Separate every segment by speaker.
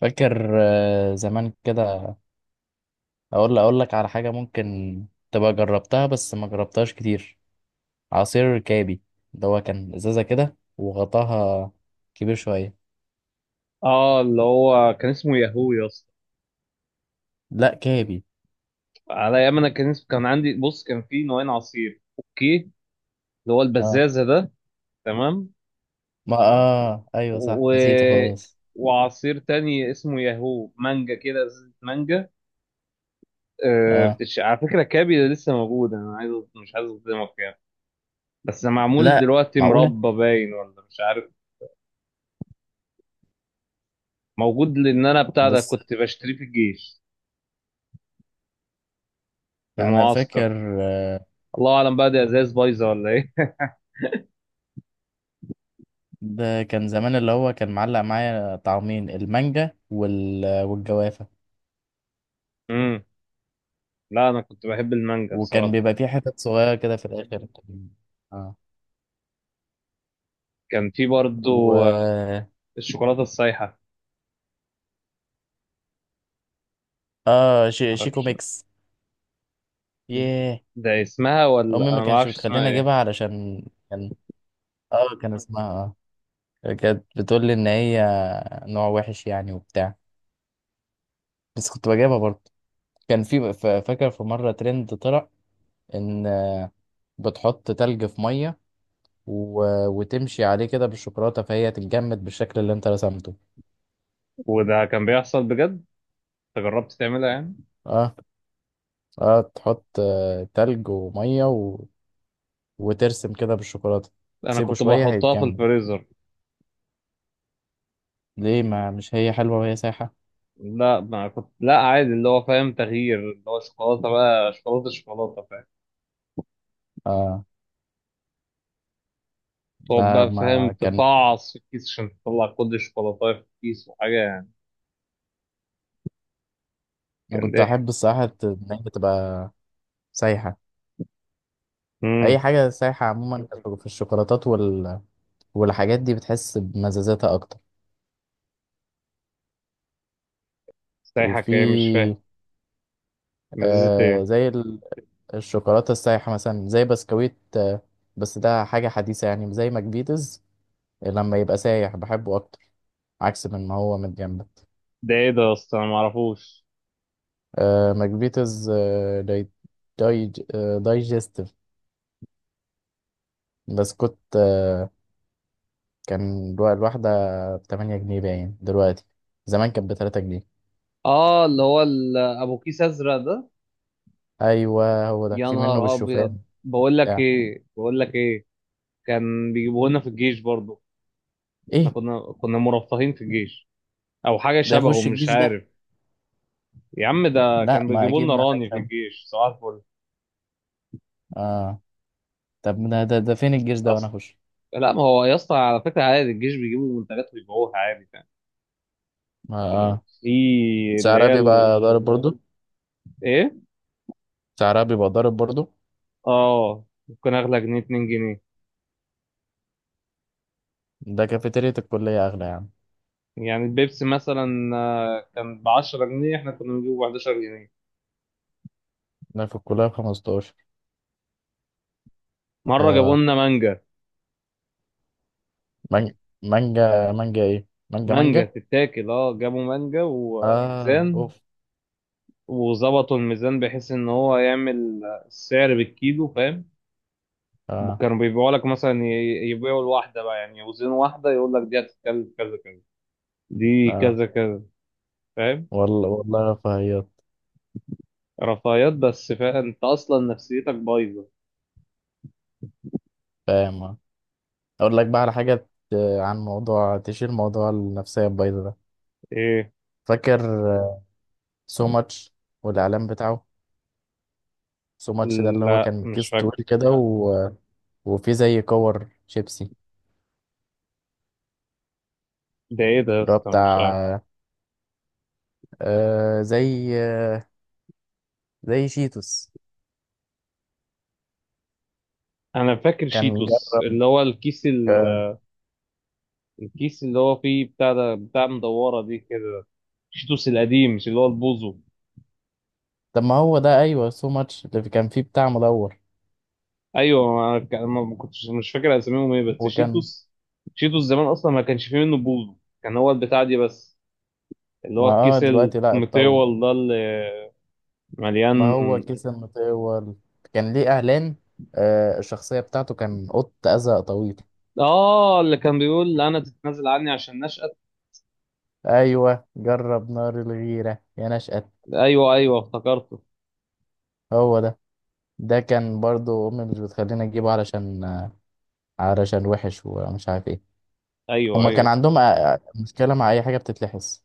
Speaker 1: فاكر زمان كده. اقول لك على حاجه ممكن تبقى جربتها، بس ما جربتهاش كتير. عصير كابي ده، هو كان ازازه كده وغطاها كبير شويه.
Speaker 2: اه، اللي هو كان اسمه ياهو يا اسطى.
Speaker 1: لا كابي.
Speaker 2: على ايام انا كان كان عندي بص، كان في نوعين عصير اوكي، اللي هو
Speaker 1: اه.
Speaker 2: البزازه ده، تمام.
Speaker 1: ما اه ايوه صح،
Speaker 2: و...
Speaker 1: نسيته خالص.
Speaker 2: وعصير تاني اسمه ياهو مانجا كده، ازازه مانجا.
Speaker 1: اه.
Speaker 2: على فكره كابي ده لسه موجود، انا عايز مش عايز اصدمك يعني، بس معمول
Speaker 1: لا،
Speaker 2: دلوقتي
Speaker 1: معقوله؟
Speaker 2: مربى باين ولا مش عارف. موجود، لان انا بتاع ده
Speaker 1: بس
Speaker 2: كنت بشتريه في الجيش، في
Speaker 1: انا
Speaker 2: المعسكر.
Speaker 1: فاكر.
Speaker 2: الله اعلم بقى دي ازاز بايظه ولا ايه.
Speaker 1: ده كان زمان، اللي هو كان معلق معايا طعمين، المانجا والجوافه،
Speaker 2: امم لا، انا كنت بحب المانجا
Speaker 1: وكان
Speaker 2: الصراحه.
Speaker 1: بيبقى فيه حتت صغيره كده في الاخر. آه.
Speaker 2: كان في برضو
Speaker 1: و.
Speaker 2: الشوكولاتة السايحة.
Speaker 1: اه شيكو
Speaker 2: معرفش،
Speaker 1: ميكس. ياه.
Speaker 2: ده اسمها ولا
Speaker 1: امي ما
Speaker 2: أنا
Speaker 1: كانش
Speaker 2: معرفش اسمها
Speaker 1: بتخليني
Speaker 2: إيه.
Speaker 1: اجيبها، علشان كان، اه كان اسمها، اه كانت بتقول لي ان هي نوع وحش يعني وبتاع. بس كنت بجيبها برضه. كان في، فاكر في مره ترند طلع ان، بتحط تلج في ميه وتمشي عليه كده بالشوكولاته، فهي تتجمد بالشكل اللي انت رسمته.
Speaker 2: وده كان بيحصل بجد؟ أنت جربت تعملها يعني؟
Speaker 1: اه. اه تحط تلج وميه وترسم كده بالشوكولاته،
Speaker 2: أنا
Speaker 1: تسيبه
Speaker 2: كنت
Speaker 1: شويه
Speaker 2: بحطها في
Speaker 1: هيتجمد.
Speaker 2: الفريزر.
Speaker 1: ليه؟ ما مش هي حلوه وهي سايحه.
Speaker 2: لا ما كنت، لا عادي، اللي هو فاهم تغيير، اللي هو شوكولاتة بقى شوكولاتة فاهم.
Speaker 1: اه.
Speaker 2: تقعد
Speaker 1: لا
Speaker 2: بقى فاهم
Speaker 1: ما كان.
Speaker 2: تفعص في الكيس عشان تطلع كل الشوكولاتة في الكيس وحاجة يعني.
Speaker 1: انا
Speaker 2: كان
Speaker 1: كنت
Speaker 2: ضحك.
Speaker 1: احب الصراحه ان هي تبقى سايحه.
Speaker 2: امم
Speaker 1: اي حاجه سايحه عموما في الشوكولاتات والحاجات دي، بتحس بمزازاتها اكتر.
Speaker 2: سايحة ايه؟ مش فاهم.
Speaker 1: وفي
Speaker 2: مزازة ايه؟
Speaker 1: زي الشوكولاته السايحه مثلا، زي بسكويت آه. بس ده حاجه حديثه، يعني زي ماكبيتس لما يبقى سايح بحبه اكتر، عكس من ما هو من جنبه.
Speaker 2: ده ايه ده يا اسطى؟ انا معرفوش.
Speaker 1: آه ماكبيتس، دايجستيف. بسكوت كان الواحدة بتمانية جنيه باين دلوقتي، زمان كانت بتلاتة جنيه.
Speaker 2: اه، اللي هو ابو كيس ازرق ده.
Speaker 1: أيوه، هو ده،
Speaker 2: يا
Speaker 1: في منه
Speaker 2: نهار ابيض.
Speaker 1: بالشوفان.
Speaker 2: بقول لك
Speaker 1: بتاع.
Speaker 2: ايه، بقول لك ايه، كان بيجيبوه لنا في الجيش برضه. احنا
Speaker 1: إيه؟
Speaker 2: كنا مرفهين في الجيش، او حاجه
Speaker 1: ده
Speaker 2: شبهه
Speaker 1: يخش
Speaker 2: مش
Speaker 1: الجيش ده؟
Speaker 2: عارف. يا عم، ده
Speaker 1: لا
Speaker 2: كان
Speaker 1: ما
Speaker 2: بيجيبوا
Speaker 1: أكيد
Speaker 2: لنا
Speaker 1: بقى
Speaker 2: راني في
Speaker 1: هيكمل.
Speaker 2: الجيش صباح الفل.
Speaker 1: آه. طب ده فين الجيش ده وأنا
Speaker 2: اصل
Speaker 1: أخش؟
Speaker 2: لا، ما هو يا اسطى على فكره عادي الجيش بيجيبوا منتجات ويبيعوها عادي يعني.
Speaker 1: ما آه
Speaker 2: في اللي
Speaker 1: سعرها
Speaker 2: هي
Speaker 1: بيبقى ضارب برضو.
Speaker 2: ايه،
Speaker 1: سعرها بيبقى ضارب برضو.
Speaker 2: اه ممكن اغلى جنيه، 2 جنيه
Speaker 1: ده كافيتيريا الكلية أغلى يعني.
Speaker 2: يعني. البيبسي مثلا كان ب 10 جنيه، احنا كنا بنجيبه ب 11 جنيه.
Speaker 1: ده في الكلية بخمستاشر.
Speaker 2: مره جابوا
Speaker 1: آه.
Speaker 2: لنا مانجا.
Speaker 1: مانجا مانجا مانجا إيه؟ مانجا
Speaker 2: مانجا
Speaker 1: مانجا.
Speaker 2: تتاكل، اه جابوا مانجا
Speaker 1: آه
Speaker 2: وميزان،
Speaker 1: أوف.
Speaker 2: وظبطوا الميزان بحيث ان هو يعمل السعر بالكيلو فاهم.
Speaker 1: آه.
Speaker 2: كانوا بيبيعوا لك مثلا يبيعوا الواحده بقى يعني، يوزنوا واحده يقول لك دي هتتكلف كذا كذا، دي
Speaker 1: آه.
Speaker 2: كذا كذا، فاهم.
Speaker 1: والله والله رفاهيات.
Speaker 2: رفاهيات بس، فا انت اصلا نفسيتك بايظه.
Speaker 1: فاهم. آه. اقول لك بقى على حاجه. عن موضوع، تشير موضوع النفسيه البايظه ده.
Speaker 2: ايه؟
Speaker 1: فاكر سو ماتش والاعلان بتاعه؟ سو ماتش ده اللي هو
Speaker 2: لا
Speaker 1: كان
Speaker 2: مش
Speaker 1: كيس
Speaker 2: فاكر.
Speaker 1: طويل كده وفي زي كور شيبسي،
Speaker 2: ده ايه ده يا
Speaker 1: اللي هو
Speaker 2: اسطى؟ مش عارف.
Speaker 1: بتاع زي شيتوس.
Speaker 2: انا فاكر
Speaker 1: كان
Speaker 2: شيتوس،
Speaker 1: جرب.
Speaker 2: اللي هو الكيس
Speaker 1: آه،
Speaker 2: الكيس اللي هو فيه بتاع ده، بتاع مدوره دي كده. شيتوس القديم مش اللي هو البوزو.
Speaker 1: طب ما هو ده، ايوه، سو ماتش اللي كان فيه بتاع مدور.
Speaker 2: ايوه، انا ما كنتش مش فاكر اساميهم ايه، بس
Speaker 1: وكان،
Speaker 2: شيتوس. شيتوس زمان اصلا ما كانش فيه منه بوز، كان هو البتاع دي بس، اللي
Speaker 1: ما
Speaker 2: هو
Speaker 1: اه
Speaker 2: الكيس
Speaker 1: دلوقتي لا اتطور.
Speaker 2: المطول ده اللي
Speaker 1: ما
Speaker 2: مليان.
Speaker 1: هو كيس المطول، كان ليه اعلان. آه الشخصيه بتاعته كان قط ازرق طويل.
Speaker 2: اه، اللي كان بيقول انا تتنازل عني عشان نشأت.
Speaker 1: ايوه جرب نار الغيره يا نشأت.
Speaker 2: ايوه، ايوه افتكرته.
Speaker 1: هو ده. ده كان برضو امي مش بتخلينا نجيبه، علشان وحش ومش عارف ايه.
Speaker 2: ايوه،
Speaker 1: هما كان
Speaker 2: ايوه.
Speaker 1: عندهم، مشكله مع اي حاجه بتتلحس،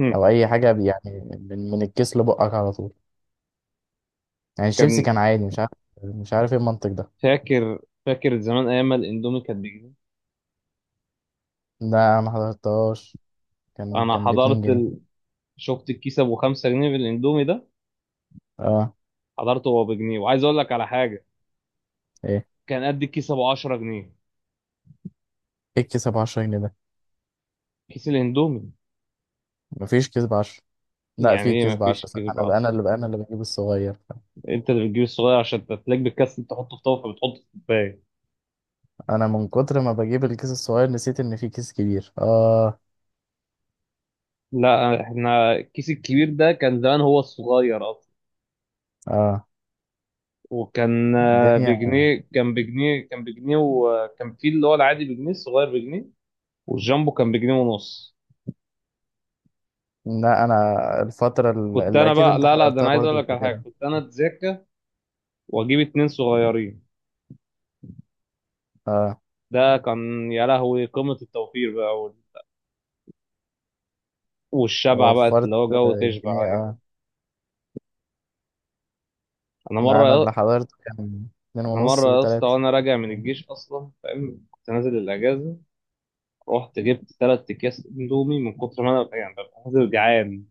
Speaker 2: هم.
Speaker 1: او اي حاجه يعني، من الكيس لبقك على طول. يعني الشيبسي
Speaker 2: كان
Speaker 1: كان عادي، مش عارف. مش عارف ايه المنطق ده.
Speaker 2: فاكر، فاكر زمان ايام ما الاندومي كان بجنيه.
Speaker 1: ده ما حضرتهاش. كان
Speaker 2: انا
Speaker 1: كان باتنين
Speaker 2: حضرت
Speaker 1: جنيه.
Speaker 2: شفت الكيس ابو 5 جنيه بالاندومي ده.
Speaker 1: اه.
Speaker 2: حضرته هو بجنيه، وعايز اقول لك على حاجه،
Speaker 1: ايه؟
Speaker 2: كان قد الكيس ابو 10 جنيه.
Speaker 1: ايه الكيس ب 10 جنيه ده؟
Speaker 2: كيس الاندومي.
Speaker 1: مفيش كيس ب 10. لا
Speaker 2: يعني
Speaker 1: في
Speaker 2: ايه
Speaker 1: كيس ب 10،
Speaker 2: مفيش
Speaker 1: صح.
Speaker 2: كذب
Speaker 1: انا بقى انا
Speaker 2: اصلا!
Speaker 1: اللي بقى انا اللي بجيب الصغير.
Speaker 2: انت اللي بتجيب الصغير عشان تلاقي بالكاس انت تحطه في طاوله فبتحطه في الكوبايه.
Speaker 1: انا من كتر ما بجيب الكيس الصغير، نسيت ان في كيس كبير. اه.
Speaker 2: لا، احنا الكيس الكبير ده كان زمان هو الصغير اصلا.
Speaker 1: اه
Speaker 2: وكان
Speaker 1: الدنيا.
Speaker 2: بجنيه، كان بجنيه كان بجنيه وكان في اللي هو العادي بجنيه، الصغير بجنيه. والجامبو كان بجنيه ونص.
Speaker 1: لا انا، الفترة
Speaker 2: كنت
Speaker 1: اللي
Speaker 2: انا
Speaker 1: اكيد
Speaker 2: بقى،
Speaker 1: انت
Speaker 2: لا ده
Speaker 1: حضرتها
Speaker 2: انا عايز اقول
Speaker 1: برضه
Speaker 2: لك على حاجه،
Speaker 1: فاكرها.
Speaker 2: كنت انا اتذاكى واجيب 2 صغيرين.
Speaker 1: اه.
Speaker 2: ده كان يا لهوي قمه التوفير بقى والشبع بقى، اللي
Speaker 1: وفرت
Speaker 2: هو جو تشبع
Speaker 1: جنيه.
Speaker 2: ايوه.
Speaker 1: اه.
Speaker 2: انا
Speaker 1: لا، انا اللي
Speaker 2: مره
Speaker 1: حضرته كان اتنين
Speaker 2: انا مره
Speaker 1: ونص
Speaker 2: يا اسطى
Speaker 1: وتلاتة.
Speaker 2: وانا راجع من الجيش اصلا فاهم، كنت نازل الاجازه. رحت جبت 3 اكياس اندومي من كتر ما انا يعني ببقى نازل جعان،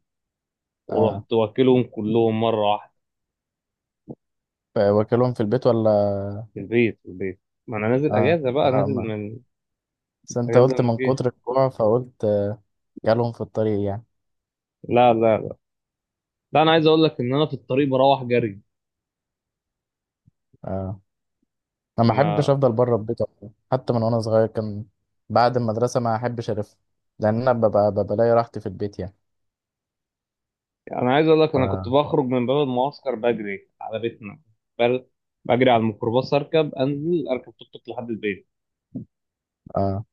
Speaker 1: اه.
Speaker 2: ورحت واكلهم كلهم مره واحده.
Speaker 1: واكلهم في البيت ولا؟
Speaker 2: في البيت، ما انا نازل
Speaker 1: اه.
Speaker 2: اجازه بقى،
Speaker 1: اه.
Speaker 2: نازل
Speaker 1: ما.
Speaker 2: من
Speaker 1: بس انت
Speaker 2: اجازه
Speaker 1: قلت
Speaker 2: من
Speaker 1: من
Speaker 2: الجيش.
Speaker 1: كتر الجوع، فقلت كلهم في الطريق يعني.
Speaker 2: لا لا لا لا، انا عايز اقول لك ان انا في الطريق بروح جري.
Speaker 1: اه. انا ما احبش
Speaker 2: ما
Speaker 1: افضل بره البيت أصلاً. حتى من وانا صغير، كان بعد المدرسه ما احبش الف، لان انا ببقى لاقي راحتي في البيت يعني.
Speaker 2: يعني انا عايز اقول لك
Speaker 1: ف.
Speaker 2: انا كنت بخرج من باب المعسكر بجري على بيتنا. بل- بجري على الميكروباص، اركب انزل، اركب توك توك لحد البيت.
Speaker 1: اه.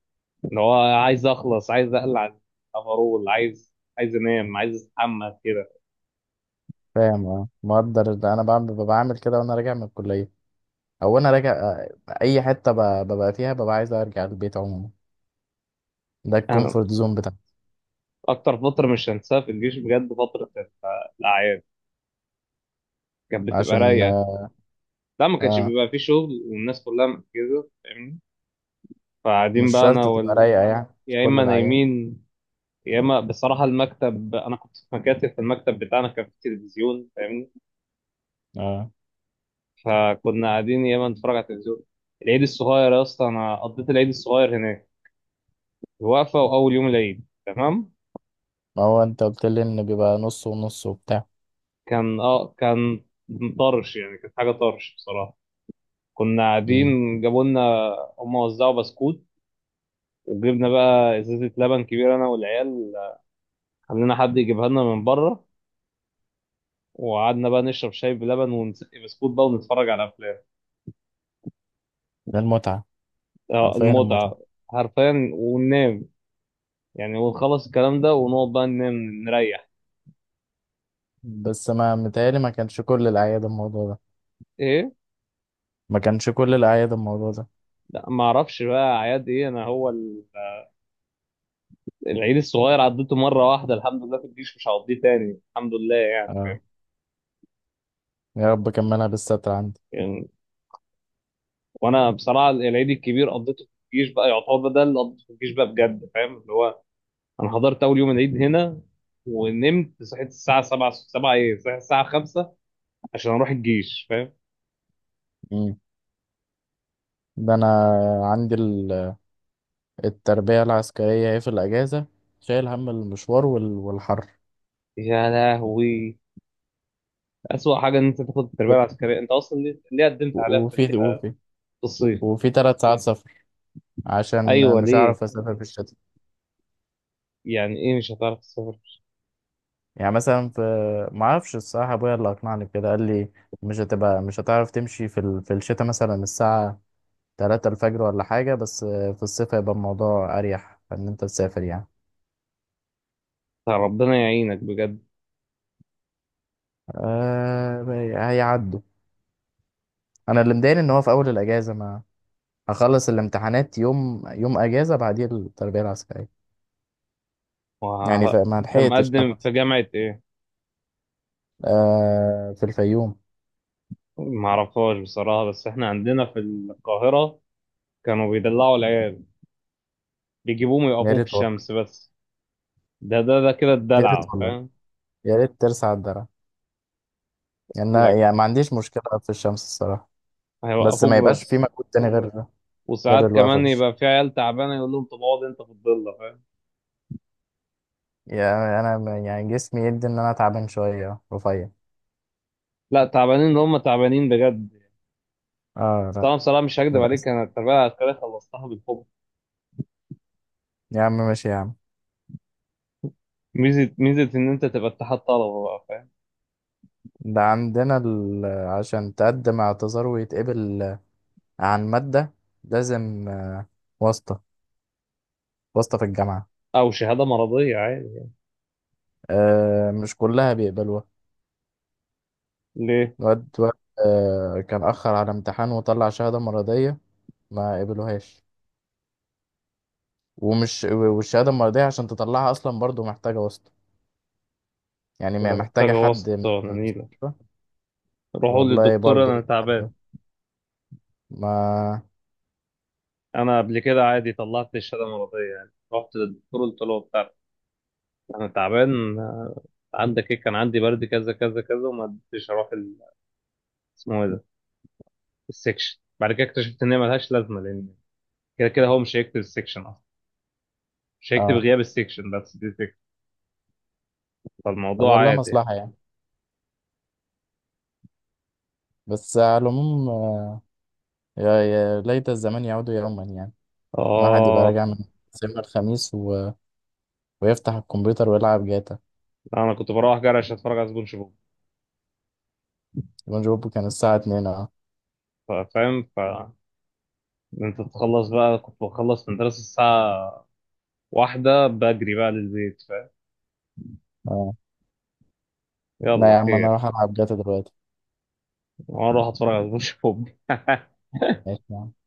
Speaker 2: اللي هو عايز اخلص، عايز اقلع الافرول، عايز انام، عايز استحمى كده.
Speaker 1: فاهم. اه مقدر. ده انا بعمل، بعمل كده وانا راجع من الكليه، او انا راجع اي حته ببقى فيها، ببقى عايز ارجع البيت عموما. ده
Speaker 2: انا
Speaker 1: الكومفورت زون بتاعي.
Speaker 2: اكتر فتره مش هنساها في الجيش بجد، فتره الاعياد، كانت بتبقى
Speaker 1: عشان.
Speaker 2: رايقه.
Speaker 1: اه.
Speaker 2: لا، ما كانش
Speaker 1: آه،
Speaker 2: بيبقى فيه شغل والناس كلها مركزه فاهمني. فقاعدين
Speaker 1: مش
Speaker 2: بقى انا
Speaker 1: شرط تبقى رايقه يعني، مش
Speaker 2: يا
Speaker 1: كل
Speaker 2: اما
Speaker 1: العيال.
Speaker 2: نايمين، يا اما بصراحه المكتب، انا كنت في مكاتب، في المكتب بتاعنا كان في تلفزيون فاهمني.
Speaker 1: اه،
Speaker 2: فكنا قاعدين يا اما نتفرج على التلفزيون. العيد الصغير يا اسطى، انا قضيت العيد الصغير هناك. الوقفه واول يوم العيد تمام.
Speaker 1: ما هو انت قلت لي ان بيبقى نص ونص وبتاع.
Speaker 2: كان طرش يعني، كانت حاجه طرش بصراحه. كنا
Speaker 1: امم.
Speaker 2: قاعدين، جابوا لنا، هم وزعوا بسكوت، وجبنا بقى ازازه لبن كبيره انا والعيال، خلينا حد يجيبها لنا من بره. وقعدنا بقى نشرب شاي بلبن، ونسقي بسكوت بقى، ونتفرج على افلام.
Speaker 1: ده المتعه.
Speaker 2: اه
Speaker 1: حرفيا المتعه.
Speaker 2: المتعه، حرفيا وننام يعني. ونخلص الكلام ده، ونقعد بقى ننام، نريح.
Speaker 1: بس ما متهيألي ما كانش كل الأعياد الموضوع ده.
Speaker 2: ايه؟
Speaker 1: ما كانش كل الأعياد الموضوع ده.
Speaker 2: لا، ما اعرفش بقى اعياد ايه، انا هو العيد الصغير عديته مره واحده الحمد لله في الجيش، مش هعديه تاني الحمد لله يعني،
Speaker 1: آه. يا رب كملها بالستر عندي.
Speaker 2: يعني وانا بصراحه العيد الكبير قضيته في الجيش بقى، يعتبر ده اللي قضيته في الجيش بقى بجد فاهم، اللي هو انا حضرت اول يوم العيد هنا، ونمت صحيت الساعه 7، 7 ايه، صحيت الساعه 5 عشان اروح الجيش فاهم.
Speaker 1: مم. ده أنا، عندي التربية العسكرية هي في الأجازة، شايل هم المشوار والحر،
Speaker 2: يا لهوي، اسوأ حاجه ان انت تاخد التربيه
Speaker 1: و-
Speaker 2: العسكريه. انت اصلا ليه قدمت عليها في
Speaker 1: وفي وفي
Speaker 2: في الصيف؟
Speaker 1: وفي تلات ساعات سفر،
Speaker 2: ايوه
Speaker 1: عشان مش
Speaker 2: ليه؟
Speaker 1: هعرف أسافر في الشتاء.
Speaker 2: يعني ايه مش هتعرف تسافر؟
Speaker 1: يعني مثلا في. معرفش الصراحة، أبويا اللي أقنعني بكده، قال لي مش هتعرف تمشي في الشتاء، مثلا الساعة تلاتة الفجر ولا حاجة. بس في الصيف هيبقى الموضوع أريح، إن أنت تسافر يعني.
Speaker 2: ربنا يعينك بجد.
Speaker 1: آه. هيعدوا. انا اللي مضايقني، ان هو في اول الاجازه ما هخلص الامتحانات يوم، يوم اجازه بعديه التربيه العسكريه. يعني فما
Speaker 2: انت
Speaker 1: لحقتش
Speaker 2: مقدم
Speaker 1: حتى.
Speaker 2: في جامعه ايه؟
Speaker 1: آه في الفيوم.
Speaker 2: ما اعرفهاش بصراحه، بس احنا عندنا في القاهره كانوا بيدلعوا العيال، بيجيبوهم
Speaker 1: يا
Speaker 2: يوقفوهم في
Speaker 1: ريت والله.
Speaker 2: الشمس بس. ده كده
Speaker 1: يا ريت
Speaker 2: الدلع
Speaker 1: والله.
Speaker 2: فاهم.
Speaker 1: يا ريت ترسع الدرع. يعني
Speaker 2: لك،
Speaker 1: يعني ما عنديش مشكله في الشمس الصراحه. بس
Speaker 2: هيوقفوك
Speaker 1: ما يبقاش في
Speaker 2: بس.
Speaker 1: مجهود تاني، غير
Speaker 2: وساعات
Speaker 1: الوقفه في
Speaker 2: كمان
Speaker 1: الشمس.
Speaker 2: يبقى في عيال تعبانه يقول لهم طب اقعد انت في الضله فاهم.
Speaker 1: يعني انا يعني جسمي يدي ان انا تعبان شويه، رفيع.
Speaker 2: لا، تعبانين اللي هم تعبانين بجد.
Speaker 1: اه. لا
Speaker 2: طبعا بصراحه مش هكدب عليك،
Speaker 1: للاسف.
Speaker 2: انا التربيه العسكريه خلصتها بالحب.
Speaker 1: يا عم ماشي يا عم.
Speaker 2: ميزه ان انت تبقى اتحاد طلبه بقى فاهم،
Speaker 1: ده عندنا عشان تقدم اعتذار ويتقبل عن ماده، لازم واسطة. واسطة في الجامعة.
Speaker 2: او شهاده مرضيه عادي.
Speaker 1: آه مش كلها بيقبلوها.
Speaker 2: ليه؟
Speaker 1: الواد واد. آه كان أخر على امتحان، وطلع شهادة مرضية، ما قبلوهاش. والشهادة المرضية عشان تطلعها أصلا، برضو محتاجة واسطة. يعني
Speaker 2: ولا محتاجه
Speaker 1: محتاجة حد من
Speaker 2: واسطه
Speaker 1: من
Speaker 2: ولا نيله.
Speaker 1: المستشفى.
Speaker 2: روحوا
Speaker 1: والله
Speaker 2: للدكتور انا
Speaker 1: برضو
Speaker 2: تعبان.
Speaker 1: عارفة. ما
Speaker 2: انا قبل كده عادي طلعت الشهاده مرضيه يعني، رحت للدكتور قلت له بتاع انا تعبان. عندك ايه؟ كان عندي برد كذا كذا كذا، وما قدرتش اروح اسمه ايه ده، السكشن. بعد كده اكتشفت ان هي ملهاش لازمه، لان كده كده هو مش هيكتب السكشن اصلا، مش هيكتب
Speaker 1: اه
Speaker 2: غياب السكشن، بس دي فكره.
Speaker 1: طب
Speaker 2: فالموضوع
Speaker 1: والله
Speaker 2: عادي يعني.
Speaker 1: مصلحة يعني. بس على العموم يا ليت الزمان يعود يوما يعني. الواحد يبقى
Speaker 2: اه،
Speaker 1: راجع من سينما الخميس ويفتح الكمبيوتر ويلعب جاتا.
Speaker 2: انا كنت بروح جرش اتفرج على سبونج بوب.
Speaker 1: يبقى جوبه كان الساعة 2. اه.
Speaker 2: فاهم. انت تخلص بقى، كنت بخلص من دراسة الساعة واحدة بجري بقى للبيت فاهم.
Speaker 1: آه. لا
Speaker 2: يلا
Speaker 1: يا عم، انا
Speaker 2: خير،
Speaker 1: اروح العب جاتا دلوقتي.
Speaker 2: واروح اتفرج على سبونج بوب
Speaker 1: ماشي يا عم.